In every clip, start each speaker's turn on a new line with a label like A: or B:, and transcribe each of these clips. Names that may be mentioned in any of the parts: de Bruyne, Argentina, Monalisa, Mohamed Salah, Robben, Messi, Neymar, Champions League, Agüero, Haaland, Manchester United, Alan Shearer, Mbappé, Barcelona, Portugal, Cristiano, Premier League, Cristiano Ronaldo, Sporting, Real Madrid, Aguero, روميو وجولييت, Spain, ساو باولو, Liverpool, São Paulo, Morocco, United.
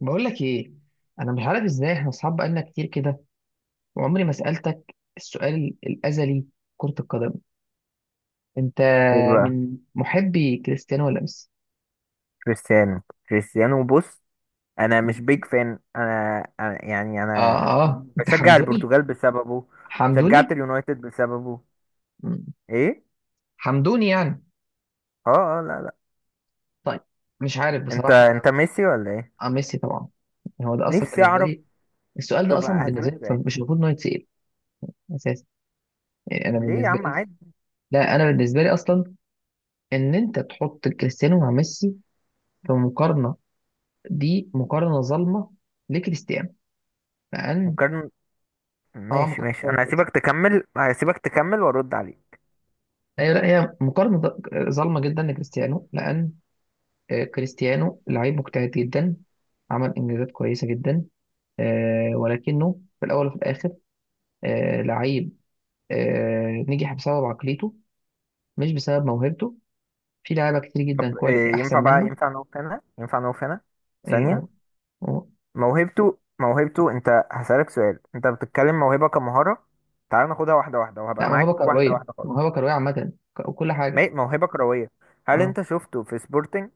A: بقول لك ايه، انا مش عارف ازاي احنا اصحاب بقالنا كتير كده وعمري ما سالتك السؤال الازلي. كرة القدم، انت
B: ايه بقى؟
A: من محبي كريستيانو ولا ميسي؟
B: كريستيانو. كريستيانو، بص. انا مش
A: مم.
B: بيج فان أنا، يعني انا
A: اه اه انت
B: بشجع
A: حمدوني.
B: البرتغال بسببه. شجعت
A: حمدوني
B: اليونايتد بسببه.
A: مم.
B: ايه؟
A: حمدوني يعني.
B: اه، اه، لا، لا.
A: طيب، مش عارف
B: انت
A: بصراحه انا.
B: انت ميسي ولا ايه؟
A: اه ميسي طبعا. هو ده اصلا
B: نفسي
A: بالنسبه
B: اعرف.
A: لي السؤال ده
B: طب
A: اصلا بالنسبه
B: هسألك سؤال.
A: لي مش المفروض انه يتسال اساسا. يعني انا
B: ليه يا
A: بالنسبه
B: عم؟
A: لي
B: عادي.
A: لا انا بالنسبه لي اصلا ان انت تحط كريستيانو مع ميسي في مقارنه، دي مقارنة ظالمة لكريستيانو، لأن
B: مقارنة.
A: اه
B: ماشي،
A: مقارنة
B: ماشي،
A: ظالمة
B: انا
A: لكريستيانو.
B: هسيبك تكمل، هسيبك تكمل وارد عليك.
A: ايوه، لا هي مقارنة ظالمة جدا لكريستيانو، لأن كريستيانو لعيب مجتهد جدا، عمل إنجازات كويسة جدا. ولكنه في الأول وفي الآخر لعيب نجح بسبب عقليته مش بسبب موهبته. في لعيبة كتير جدا
B: طب
A: كواليتي
B: إيه
A: أحسن
B: ينفع بقى؟
A: منه.
B: ينفع نقف هنا؟ ينفع نقف هنا
A: آه،
B: ثانية؟
A: و- و-
B: موهبته انت هسألك سؤال، انت بتتكلم موهبة كمهارة. تعال ناخدها واحدة واحدة
A: لا،
B: وهبقى
A: موهبة
B: معاك واحدة
A: كروية،
B: واحدة خالص.
A: موهبة كروية عامة وكل حاجة.
B: موهبة كروية. هل
A: اه،
B: انت شفته في سبورتنج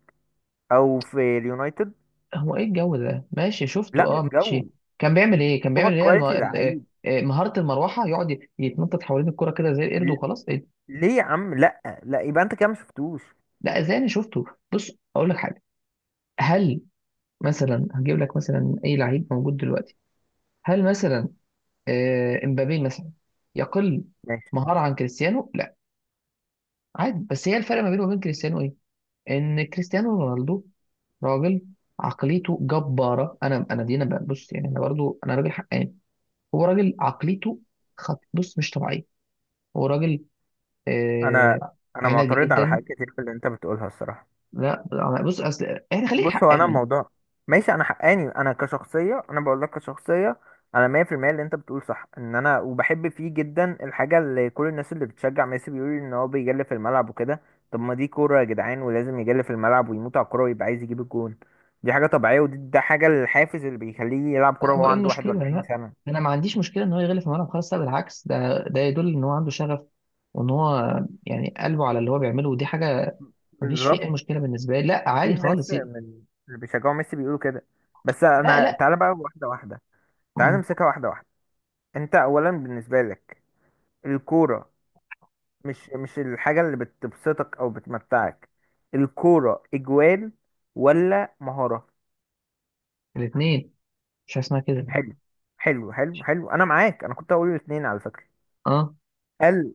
B: او في اليونايتد؟
A: هو ايه الجو ده؟ ماشي، شفته،
B: لا
A: اه
B: مش
A: ماشي.
B: جو.
A: كان بيعمل ايه؟ كان
B: هو
A: بيعمل ايه الم...
B: كواليتي
A: ال- آه،
B: لعيب.
A: آه، مهارة المروحة يقعد يتنطط حوالين الكرة كده زي القرد
B: ل-
A: وخلاص، إيه؟
B: ليه يا عم؟ لا، لا، يبقى انت كده ما شفتوش.
A: لا، انا شفته. بص اقول لك حاجة، هل مثلا هجيب لك مثلا اي لعيب موجود دلوقتي؟ هل مثلا امبابي مثلا يقل
B: ماشي.
A: مهارة عن كريستيانو؟ لا، عادي. بس هي الفرق ما بينه وبين كريستيانو ايه؟ ان كريستيانو رونالدو راجل عقليته جبارة. انا دي بص يعني انا برضو انا راجل حقاني. هو راجل عقليته بص مش طبيعيه، هو راجل.
B: انا
A: آه...
B: انا
A: عنادي
B: معترض على
A: جدا.
B: حاجات كتير في اللي انت بتقولها الصراحة.
A: لا أنا- بص اصل يعني خليك
B: بص، هو انا
A: حقاني.
B: الموضوع. ماشي، انا حقاني. انا كشخصيه، انا بقول لك كشخصيه، انا 100% اللي انت بتقول صح، ان انا وبحب فيه جدا الحاجه اللي كل الناس اللي بتشجع ميسي بيقولوا ان هو بيجلي في الملعب وكده. طب ما دي كوره يا جدعان، ولازم يجلي في الملعب ويموت على الكوره ويبقى عايز يجيب الجون. دي حاجه طبيعيه، ودي حاجه الحافز اللي بيخليه يلعب كوره
A: لا،
B: وهو
A: هو ايه
B: عنده
A: المشكله؟
B: 41
A: لا
B: سنه.
A: انا ما عنديش مشكله ان هو يغلف في الملعب خالص. لا بالعكس، ده يدل ان هو عنده شغف وان هو يعني قلبه على اللي هو بيعمله، ودي حاجه ما فيش فيها
B: بالظبط.
A: اي مشكله بالنسبه لي. لا
B: في
A: عادي
B: ناس
A: خالص.
B: من اللي بيشجعوا ميسي بيقولوا كده. بس
A: لا
B: انا
A: لا
B: تعالى بقى واحده واحده، تعالى
A: مم.
B: نمسكها واحده واحده. انت اولا، بالنسبه لك الكوره مش الحاجة اللي بتبسطك أو بتمتعك؟ الكورة إجوال ولا مهارة؟
A: الاثنين. مش حاجة اسمها كده.
B: حلو، حلو، حلو، حلو، أنا معاك. أنا كنت هقول الاتنين على فكرة.
A: اه.
B: هل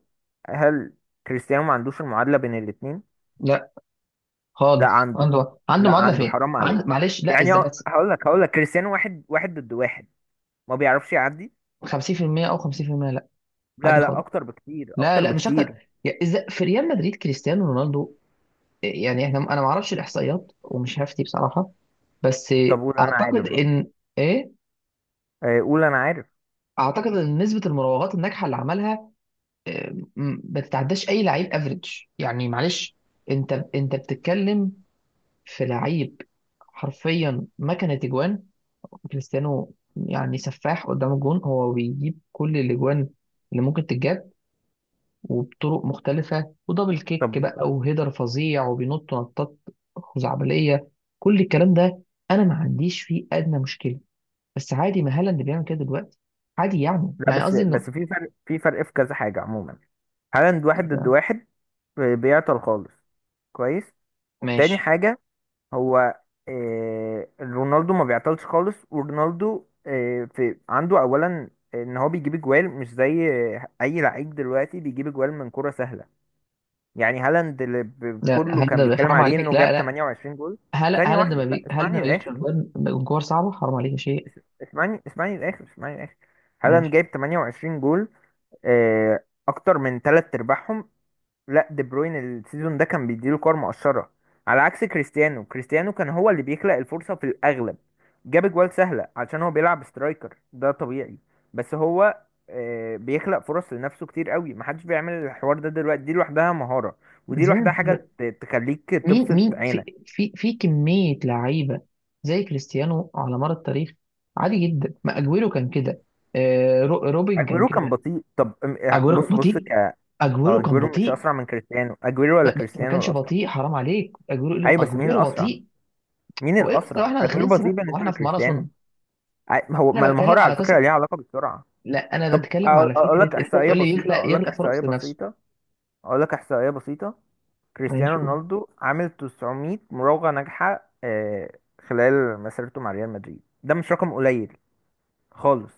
B: هل كريستيانو ما عندوش المعادلة بين الاتنين؟
A: لا
B: لا
A: خالص،
B: عنده،
A: عنده
B: لا
A: معادله
B: عنده
A: فين؟
B: حرام
A: عنده
B: عليك.
A: معلش، لا
B: يعني
A: اذا بس
B: هقول لك كريستيانو واحد واحد ضد واحد ما بيعرفش يعدي.
A: 50% او 50%. لا
B: لا،
A: عادي
B: لا،
A: خالص.
B: أكتر بكتير،
A: لا
B: أكتر
A: لا مش اكتر.
B: بكتير.
A: يعني اذا في ريال مدريد كريستيانو رونالدو، يعني انا ما اعرفش الاحصائيات ومش هفتي بصراحه، بس
B: طب قول أنا
A: اعتقد
B: عارف بقى.
A: ان، ايه،
B: قول أنا عارف.
A: اعتقد ان نسبه المراوغات الناجحه اللي عملها آه، ما تتعداش اي لعيب افريج. يعني معلش، انت بتتكلم في لعيب حرفيا مكنه اجوان. كريستيانو يعني سفاح قدام الجون، هو بيجيب كل الاجوان اللي ممكن تتجاب، وبطرق مختلفة، ودبل كيك
B: طب
A: بقى وهيدر فظيع وبينط نطات خزعبلية. كل الكلام ده أنا ما عنديش فيه أدنى مشكلة، بس عادي ما هالاند بيعمل كده دلوقتي، عادي. يعني
B: لا،
A: يعني
B: بس
A: قصدي إنه،
B: بس في فرق، في كذا حاجة عموما. هالاند واحد ضد واحد بيعطل خالص. كويس. تاني
A: ماشي.
B: حاجة، هو رونالدو ما بيعطلش خالص. ورونالدو في عنده أولا إن هو بيجيب أجوال مش زي أي لعيب دلوقتي بيجيب أجوال من كرة سهلة. يعني هالاند اللي
A: لا
B: كله كان
A: هالاند
B: بيتكلم
A: حرام
B: عليه
A: عليك.
B: إنه جاب
A: لا لا
B: 28 جول.
A: هالا-
B: ثانية
A: هالاند
B: واحدة،
A: ما بي... هالاند ما
B: اسمعني
A: بيجيبش
B: للآخر.
A: أجوان من كور صعبة، حرام عليك يا شيخ.
B: اس- اسمعني للآخر، اسمعني للآخر. هالاند
A: ماشي.
B: جايب 28 جول، اكتر من تلات ارباعهم. لا، دي بروين السيزون ده كان بيديله كور مؤشرة، على عكس كريستيانو. كريستيانو كان هو اللي بيخلق الفرصة في الاغلب. جاب اجوال سهلة عشان هو بيلعب سترايكر، ده طبيعي. بس هو بيخلق فرص لنفسه كتير قوي، محدش بيعمل الحوار ده دلوقتي. دي لوحدها مهارة، ودي
A: ازاي
B: لوحدها
A: ما فيش
B: حاجة
A: بقى؟
B: تخليك
A: مين
B: تبسط
A: مين في
B: عينك.
A: في في كمية لعيبة زي كريستيانو على مر التاريخ، عادي جدا. ما أجويرو كان كده، روبن كان
B: اجويرو كان
A: كده.
B: بطيء. طب
A: اجويرو كان
B: بص، ك
A: بطيء،
B: آه،
A: اجويرو كان
B: اجويرو مش
A: بطيء.
B: اسرع من كريستيانو. اجويرو ولا
A: بس ما
B: كريستيانو
A: كانش
B: الاسرع؟
A: بطيء حرام عليك، اجويرو اللي
B: ايوه، بس مين
A: اجويرو
B: الاسرع؟
A: بطيء؟
B: مين
A: هو ايه اصلا،
B: الاسرع؟
A: احنا
B: اجويرو
A: داخلين
B: بطيء
A: سباق
B: بالنسبه
A: واحنا في
B: لكريستيانو.
A: ماراثون؟
B: هو ما
A: انا
B: المهاره
A: بتكلم على
B: على فكره
A: قصه.
B: ليها علاقه بالسرعه.
A: لا انا
B: طب
A: بتكلم
B: اقول
A: على
B: أقول
A: فكره
B: لك
A: ان انت
B: احصائيه
A: تقول لي
B: بسيطه،
A: يخلق،
B: اقول لك
A: يخلق
B: احصائيه
A: فرص لنفسه.
B: بسيطه، اقول لك احصائيه بسيطه.
A: ماشي
B: كريستيانو
A: قول.
B: رونالدو عامل 900 مراوغه ناجحه، خلال مسيرته مع ريال مدريد. ده مش رقم قليل خالص.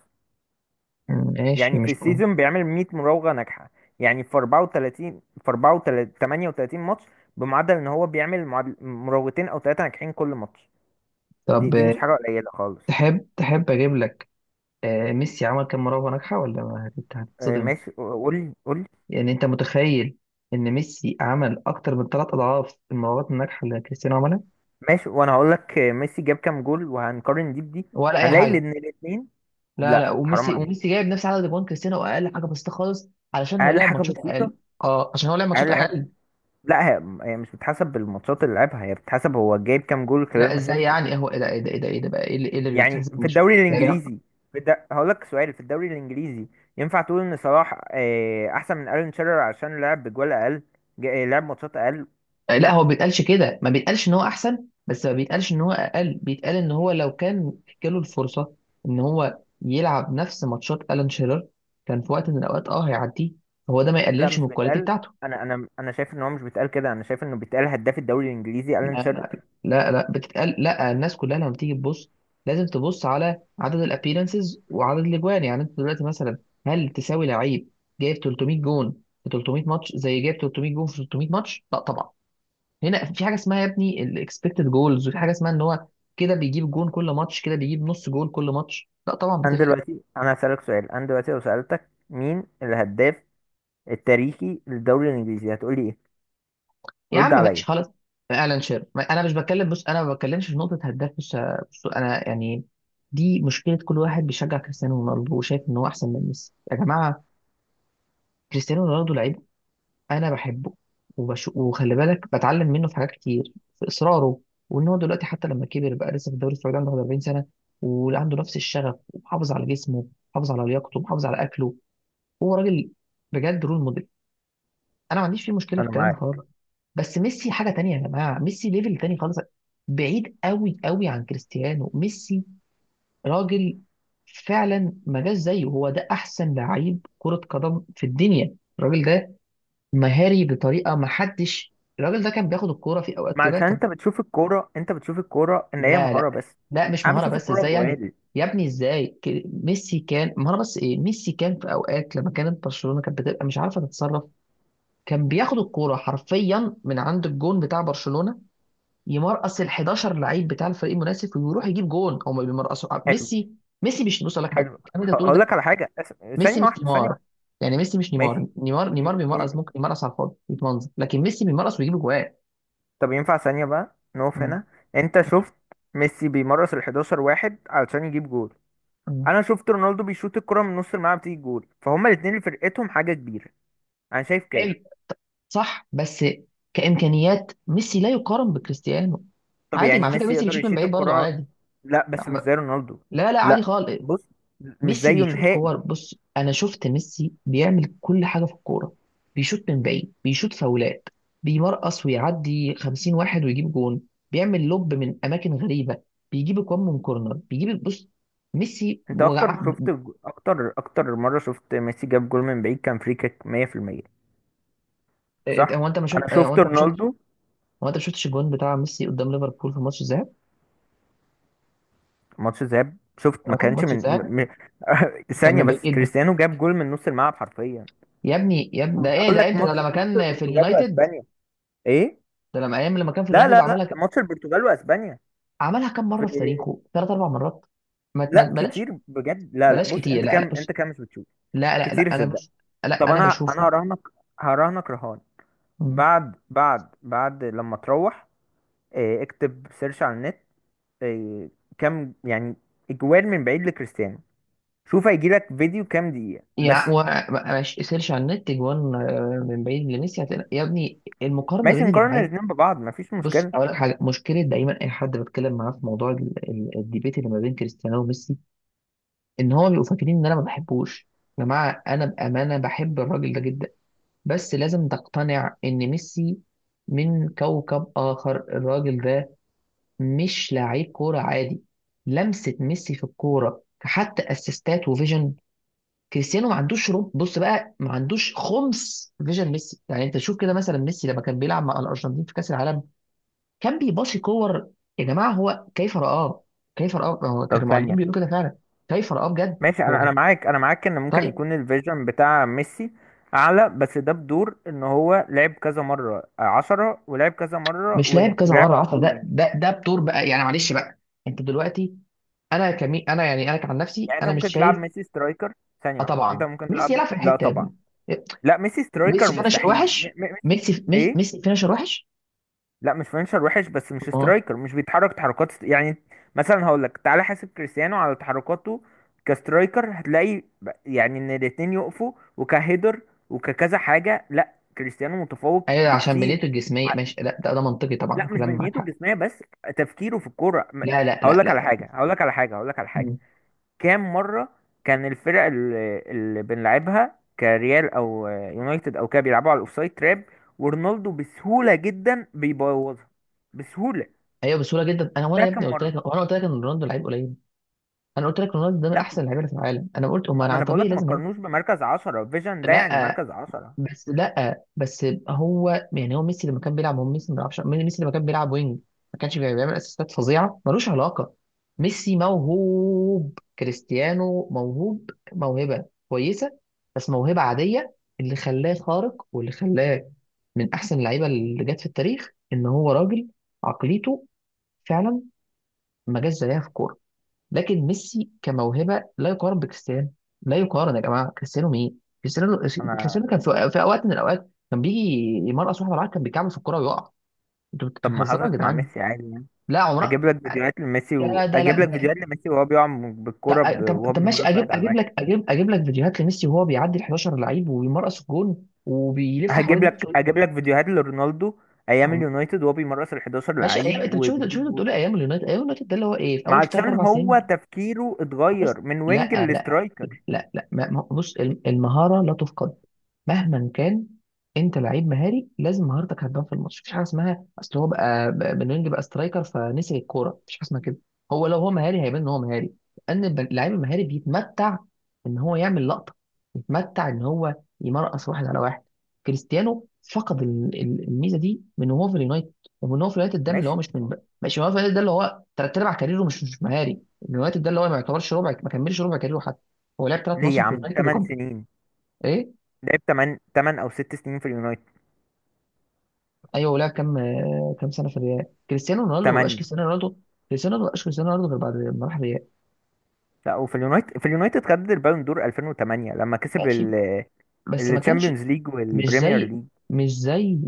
A: ماشي
B: يعني في
A: مش قول.
B: السيزون بيعمل 100 مراوغه ناجحه، يعني في 34، في 34، 38 ماتش، بمعدل ان هو بيعمل مراوغتين او ثلاثه ناجحين كل ماتش. دي
A: طب
B: دي مش حاجه قليله خالص.
A: تحب تحب اجيب لك ميسي عمل كام مراوغه ناجحه؟ ولا ما هت- هتتصدم.
B: ماشي، قول، قول.
A: يعني انت متخيل ان ميسي عمل اكتر من ثلاث اضعاف المراوغات الناجحه اللي كريستيانو عملها؟
B: ماشي، وانا هقول لك ميسي جاب كام جول وهنقارن دي بدي.
A: ولا اي
B: هنلاقي
A: حاجه.
B: ان الاثنين.
A: لا
B: لا حرام
A: وميسي
B: عليك،
A: وميسي جايب نفس عدد جوان كريستيانو، واقل حاجه بسيطه خالص علشان هو
B: اقل
A: لعب
B: حاجه
A: ماتشات
B: بسيطه،
A: اقل. اه عشان هو لعب ماتشات
B: اقل حاجه.
A: اقل.
B: لا، هي مش بتحسب بالماتشات اللي لعبها. هي بتحسب هو جايب كام جول خلال
A: لا ازاي؟
B: مسيرته.
A: يعني إيه؟ هو ايه ده ايه ده ايه ده إيه ده بقى ايه اللي إيه اللي
B: يعني
A: بيتحسب؟
B: في
A: مش
B: الدوري
A: يعني
B: الانجليزي، هقول لك سؤال. في الدوري الانجليزي ينفع تقول ان صلاح احسن من الين شيرر عشان لعب بجوال اقل، لعب ماتشات اقل؟
A: لا، هو
B: لا،
A: ما بيتقالش كده، ما بيتقالش ان هو احسن، بس ما بيتقالش ان هو اقل. بيتقال ان هو لو كان جاله الفرصه ان هو يلعب نفس ماتشات الان شيرر كان في وقت من الاوقات اه هيعديه، فهو ده ما
B: لا،
A: يقللش من
B: مش
A: الكواليتي
B: بيتقال.
A: بتاعته.
B: انا شايف ان هو مش بيتقال كده. انا شايف انه بيتقال هداف الدوري الانجليزي الين
A: لا
B: شيرر.
A: لا لا بتتقال، لا الناس كلها لما بتيجي تبص لازم تبص على عدد الابيرنسز وعدد الاجوان. يعني انت دلوقتي مثلا، هل تساوي لعيب جايب 300 جون في 300 ماتش زي جايب 300 جون في 300 ماتش؟ لا طبعا. هنا في حاجه اسمها يا ابني الاكسبكتد جولز، وفي حاجه اسمها ان هو كده بيجيب جون كل ماتش، كده بيجيب نص جون كل ماتش. لا طبعا.
B: انا دلوقتي، انا هسألك سؤال، انا دلوقتي لو سألتك مين الهداف التاريخي للدوري الانجليزي، هتقولي ايه؟
A: يا
B: رد
A: عم ماشي
B: عليا.
A: خلاص. اعلن شير ما- انا مش بتكلم، بص انا ما بتكلمش في نقطه هداف. بص بص، انا يعني دي مشكله كل واحد بيشجع كريستيانو رونالدو وشايف ان هو احسن من ميسي. يا جماعه كريستيانو رونالدو لعيب، انا بحبه وخلي بالك بتعلم منه في حاجات كتير، في اصراره، وان هو دلوقتي حتى لما كبر بقى لسه في الدوري السعودي، عنده 40 سنه وعنده نفس الشغف، ومحافظ على جسمه، محافظ على لياقته، محافظ على اكله. هو راجل بجد رول موديل، انا ما عنديش فيه مشكله في
B: انا
A: الكلام ده
B: معاك.
A: خالص. بس ميسي حاجه تانية يا جماعه، ميسي ليفل تاني خالص، بعيد قوي قوي عن كريستيانو. ميسي راجل فعلا ما جاش زيه، هو ده احسن لعيب كره قدم في الدنيا الراجل ده، مهاري بطريقه ما حدش. الراجل ده كان بياخد الكوره في اوقات
B: ما
A: كده
B: عشان
A: كان.
B: انت بتشوف الكوره، انت بتشوف الكوره ان هي
A: لا
B: مهاره
A: لا
B: بس.
A: لا مش
B: انا
A: مهاره
B: بشوف
A: بس،
B: الكوره
A: ازاي يعني؟
B: جوال.
A: يا ابني ازاي ميسي كان مهاره بس؟ ايه، ميسي كان في اوقات لما كانت برشلونه كانت بتبقى مش عارفه تتصرف، كان بياخد الكوره حرفيا من عند الجون بتاع برشلونه، يمرقص ال 11 لعيب بتاع الفريق المنافس ويروح يجيب جون، او ما بيمرقصوا.
B: حلو،
A: ميسي، ميسي مش، بص أقول لك حاجه،
B: حلو.
A: الكلام اللي أنت بتقوله
B: هقول
A: ده،
B: لك على حاجه
A: ميسي
B: ثانيه
A: مش
B: واحده، ثانيه
A: نيمار.
B: واحده.
A: يعني ميسي مش نيمار،
B: ماشي.
A: نيمار
B: ي-
A: نيمار بيمرقص
B: ي-
A: ممكن يمرقص على الفاضي يتمنظر، لكن ميسي بيمرقص ويجيب جوان.
B: طب ينفع ثانيه بقى نقف
A: مم.
B: هنا؟ انت شفت ميسي بيمرس ال 11 واحد علشان يجيب جول؟
A: مم.
B: انا شفت رونالدو بيشوط الكرة من نص الملعب تيجي جول. فهما الاثنين اللي فرقتهم حاجه كبيره. انا شايف
A: حلو.
B: كده.
A: صح، بس كامكانيات ميسي لا يقارن بكريستيانو.
B: طب
A: عادي،
B: يعني
A: مع فكره
B: ميسي
A: ميسي
B: يقدر
A: بيشوط من
B: يشيط
A: بعيد برضه
B: الكرة؟
A: عادي.
B: لا، بس مش زي رونالدو.
A: لا عادي
B: لا.
A: خالص.
B: بص، مش
A: ميسي
B: زيه
A: بيشوط كور،
B: نهائي.
A: بص انا شفت ميسي بيعمل كل حاجه في الكوره، بيشوط من بعيد، بيشوط فاولات، بيمرقص ويعدي 50 واحد ويجيب جون، بيعمل لوب من اماكن غريبه، بيجيب اجوان من كورنر، بيجيب، بص ميسي
B: انت اكتر
A: وقع.
B: شفت جو- اكتر اكتر مرة شفت ميسي جاب جول من بعيد؟ كان فري كيك 100%.
A: إيه، هو
B: صح.
A: انت ما
B: انا
A: شفت آه، هو
B: شفت
A: انت ما شفتش،
B: رونالدو.
A: هو انت ما شفتش الجون بتاع ميسي قدام ليفربول في ماتش الذهاب؟
B: ماتش ذهاب، شفت ما
A: اه
B: كانش
A: ماتش
B: من
A: الذهاب، كان
B: ثانية
A: من بعيد
B: بس،
A: جدا.
B: كريستيانو جاب جول من نص الملعب حرفيا.
A: يا ابني يا ابني ده
B: كنت
A: ايه
B: اقول
A: ده؟
B: لك
A: امتى ده؟
B: ماتش
A: لما
B: ماتش
A: كان في
B: البرتغال
A: اليونايتد؟
B: واسبانيا. ايه؟
A: ده لما ايام لما كان في
B: لا،
A: اليونايتد
B: لا، لا،
A: عملها.
B: ماتش البرتغال واسبانيا
A: عملها كام
B: في...
A: مره في تاريخه؟ ثلاث اربع مرات. ما ما
B: لا
A: ما
B: كتير بجد. لا، لا،
A: بلاش
B: بص،
A: كتير.
B: انت
A: لا لا
B: كام
A: بص،
B: انت كام مش بتشوف.
A: لا لا لا انا
B: كتير.
A: بص، لا
B: طب
A: انا
B: انا
A: بشوفه.
B: هراهنك رهان.
A: مم.
B: بعد لما تروح، اكتب سيرش على النت، إيه، كام يعني اجوال من بعيد لكريستيانو. شوف هيجيلك فيديو كام دقيقة بس.
A: يعني ماشي، سيرش على النت جوان من بعيد لميسي، هتلاقي يا ابني المقارنه
B: ماشي
A: بين
B: نقارن
A: اللعيب.
B: الاتنين ببعض، مفيش
A: بص
B: مشكلة.
A: اقول لك حاجه، مشكله دايما اي حد بتكلم معاه في موضوع الديبيت اللي ما بين كريستيانو وميسي، ان هو بيبقوا فاكرين ان انا ما بحبوش. يا جماعه انا بامانه بحب الراجل ده جدا، بس لازم تقتنع ان ميسي من كوكب اخر. الراجل ده مش لعيب كورة عادي، لمسة ميسي في الكورة حتى، اسيستات وفيجن. كريستيانو ما عندوش رب، بص بقى، ما عندوش خمس فيجن ميسي. يعني انت شوف كده مثلا، ميسي لما كان بيلعب مع الارجنتين في كاس العالم كان بيباصي كور، يا جماعة هو كيف رآه، كيف رآه، هو
B: طب
A: كان المعلمين
B: ثانية.
A: بيقولوا كده فعلا كيف رآه بجد
B: ماشي، انا
A: هو.
B: معاك، انا معاك ان ممكن
A: طيب،
B: يكون الفيجن بتاع ميسي اعلى. بس ده بدور ان هو لعب كذا مرة عشرة ولعب كذا مرة
A: مش لاعب
B: وينج
A: كذا
B: ولعب
A: مرة
B: على
A: عشرة
B: طول
A: ده،
B: وينج.
A: ده بطور بقى يعني معلش بقى، انت دلوقتي، انا كعن نفسي
B: يعني انت
A: انا مش
B: ممكن تلعب
A: شايف.
B: ميسي سترايكر؟ ثانية
A: اه
B: واحدة، انت
A: طبعا
B: ممكن تلعب؟
A: ميسي يلعب في
B: لا
A: الحتة يا
B: طبعا،
A: ابني،
B: لا ميسي سترايكر
A: ميسي فينشر
B: مستحيل. م
A: وحش.
B: م ميسي،
A: ميسي
B: ايه،
A: ميسي فينشر وحش.
B: لا مش فينشر وحش، بس مش
A: الله.
B: سترايكر، مش بيتحرك تحركات يعني مثلا هقول لك، تعالى حاسب كريستيانو على تحركاته كسترايكر، هتلاقي يعني ان الاتنين يقفوا، وكهيدر وككذا حاجة لا كريستيانو متفوق
A: ايوه عشان
B: بكتير.
A: بنيته الجسميه
B: ع-
A: ماشي، لا ده منطقي طبعا،
B: لا مش
A: كلام معاك
B: بنيته
A: حق.
B: جسمية بس، تفكيره في الكورة
A: لا لا
B: هقول
A: لا لا
B: لك على
A: لا.
B: حاجة، هقول لك على حاجة، هقول لك على حاجة.
A: مم.
B: كام مرة كان الفرق اللي بنلعبها كريال او يونايتد او كده بيلعبوا على الاوفسايد تراب، ورونالدو بسهولة جدا بيبوظها. بسهولة.
A: ايوه بسهوله جدا. انا
B: ده
A: يا
B: كام
A: ابني قلت
B: مرة.
A: لك، وانا قلت لك ان رونالدو لعيب قليل، انا قلت لك رونالدو ده من
B: لا،
A: احسن اللعيبه اللي في العالم. انا قلت
B: ما
A: امال،
B: ما
A: انا
B: انا
A: طبيعي
B: بقولك ما
A: لازم هيك.
B: تقارنوش بمركز عشرة فيجن. ده يعني
A: لا
B: مركز عشرة،
A: لا بس هو يعني، هو ميسي لما كان بيلعب، هو ميسي ما بيلعبش، ميسي لما كان بيلعب وينج ما كانش بيعمل اسيستات فظيعه ملوش علاقه. ميسي موهوب، كريستيانو موهوب موهبه كويسه بس موهبه عاديه. اللي خلاه خارق واللي خلاه من احسن اللعيبه اللي جت في التاريخ ان هو راجل عقليته فعلا ما جاش زيها في الكوره. لكن ميسي كموهبه لا يقارن بكريستيانو، لا يقارن يا جماعه. كريستيانو مين كريستيانو؟
B: انا.
A: كريستيانو كان في اوقات من الاوقات كان بيجي يمرقص واحد بالعكس كان بيكعبل في الكوره ويقع. انتوا
B: طب ما
A: بتهزروا يا
B: حصلت مع
A: جدعان.
B: ميسي عادي يعني.
A: لا
B: اجيب
A: عمرها.
B: لك فيديوهات لميسي
A: يا ده لا
B: اجيب لك
A: ده-
B: فيديوهات لميسي وهو بيقع
A: طب
B: بالكرة وهو
A: طب ماشي،
B: بيمرس واحد على واحد.
A: اجيب لك فيديوهات لميسي وهو بيعدي ال 11 لعيب ويمرقص الجون وبيلف حوالين
B: هجيب لك
A: نفسه.
B: اجيب لك فيديوهات لرونالدو ايام
A: عم-
B: اليونايتد وهو بيمرس ال 11
A: ماشي ايام،
B: لعيب
A: انت بتشوف، شوف
B: وبيجيب
A: انت
B: جول.
A: بتقول إيه؟ ايام اليونايتد، ايام اليونايتد ده اللي هو ايه، في
B: ما
A: اول ثلاث
B: عشان
A: اربع
B: هو
A: سنين.
B: تفكيره
A: خلاص.
B: اتغير من وينج
A: لا لا لا
B: لسترايكر.
A: لا لا. بص المهاره لا تفقد مهما كان، انت لعيب مهاري لازم مهارتك هتبان في الماتش. مفيش حاجه اسمها اصل هو بقى بنينج بقى سترايكر فنسي الكوره، مفيش حاجه اسمها كده. هو لو هو مهاري هيبان ان هو مهاري، لان اللعيب المهاري بيتمتع ان هو يعمل لقطه، بيتمتع ان هو يمرقص واحد على واحد. كريستيانو فقد الميزه دي من وهو في اليونايتد، ومن وهو في اليونايتد ده من اللي هو
B: ماشي.
A: مش من بقى مش من هو في اليونايتد ده اللي هو تلات ارباع كاريره مش مهاري. اليونايتد ده اللي هو ما يعتبرش ربع، ما كملش ربع كاريره حتى. هو لعب ثلاث
B: ليه
A: مواسم
B: يا
A: في
B: عم؟
A: اليونايتد
B: 8
A: وكم،
B: سنين؟
A: ايه،
B: لعب 8، 8 او 6 سنين في اليونايتد.
A: ايوه. ولعب كام كام سنه في الريال؟ كريستيانو رونالدو ما بقاش
B: 8.
A: كريستيانو رونالدو، كريستيانو رونالدو ما بقاش كريستيانو رونالدو غير بعد ما راح الريال.
B: لا، وفي اليونايتد، في اليونايتد خد البالون دور 2008 لما كسب
A: ماشي بس ما كانش،
B: الشامبيونز ليج
A: مش
B: والبريمير
A: زي،
B: ليج.
A: مش زي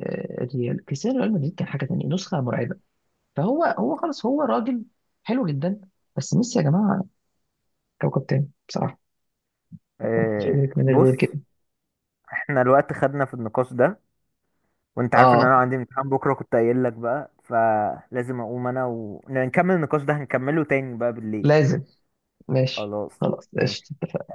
A: الريال. كريستيانو ريال مدريد كان حاجه تانية، نسخه مرعبه. فهو، هو خلاص هو راجل حلو جدا، بس ميسي يا جماعه كوكب تاني بصراحه، ما حدش يدرك منه
B: بص،
A: غير كده.
B: احنا الوقت خدنا في النقاش ده، وانت عارف ان
A: اه
B: انا عندي امتحان بكره كنت قايل لك بقى، فلازم اقوم انا ونكمل النقاش ده، هنكمله تاني بقى بالليل.
A: لازم، ماشي،
B: خلاص.
A: خلاص
B: ماشي.
A: قشطة.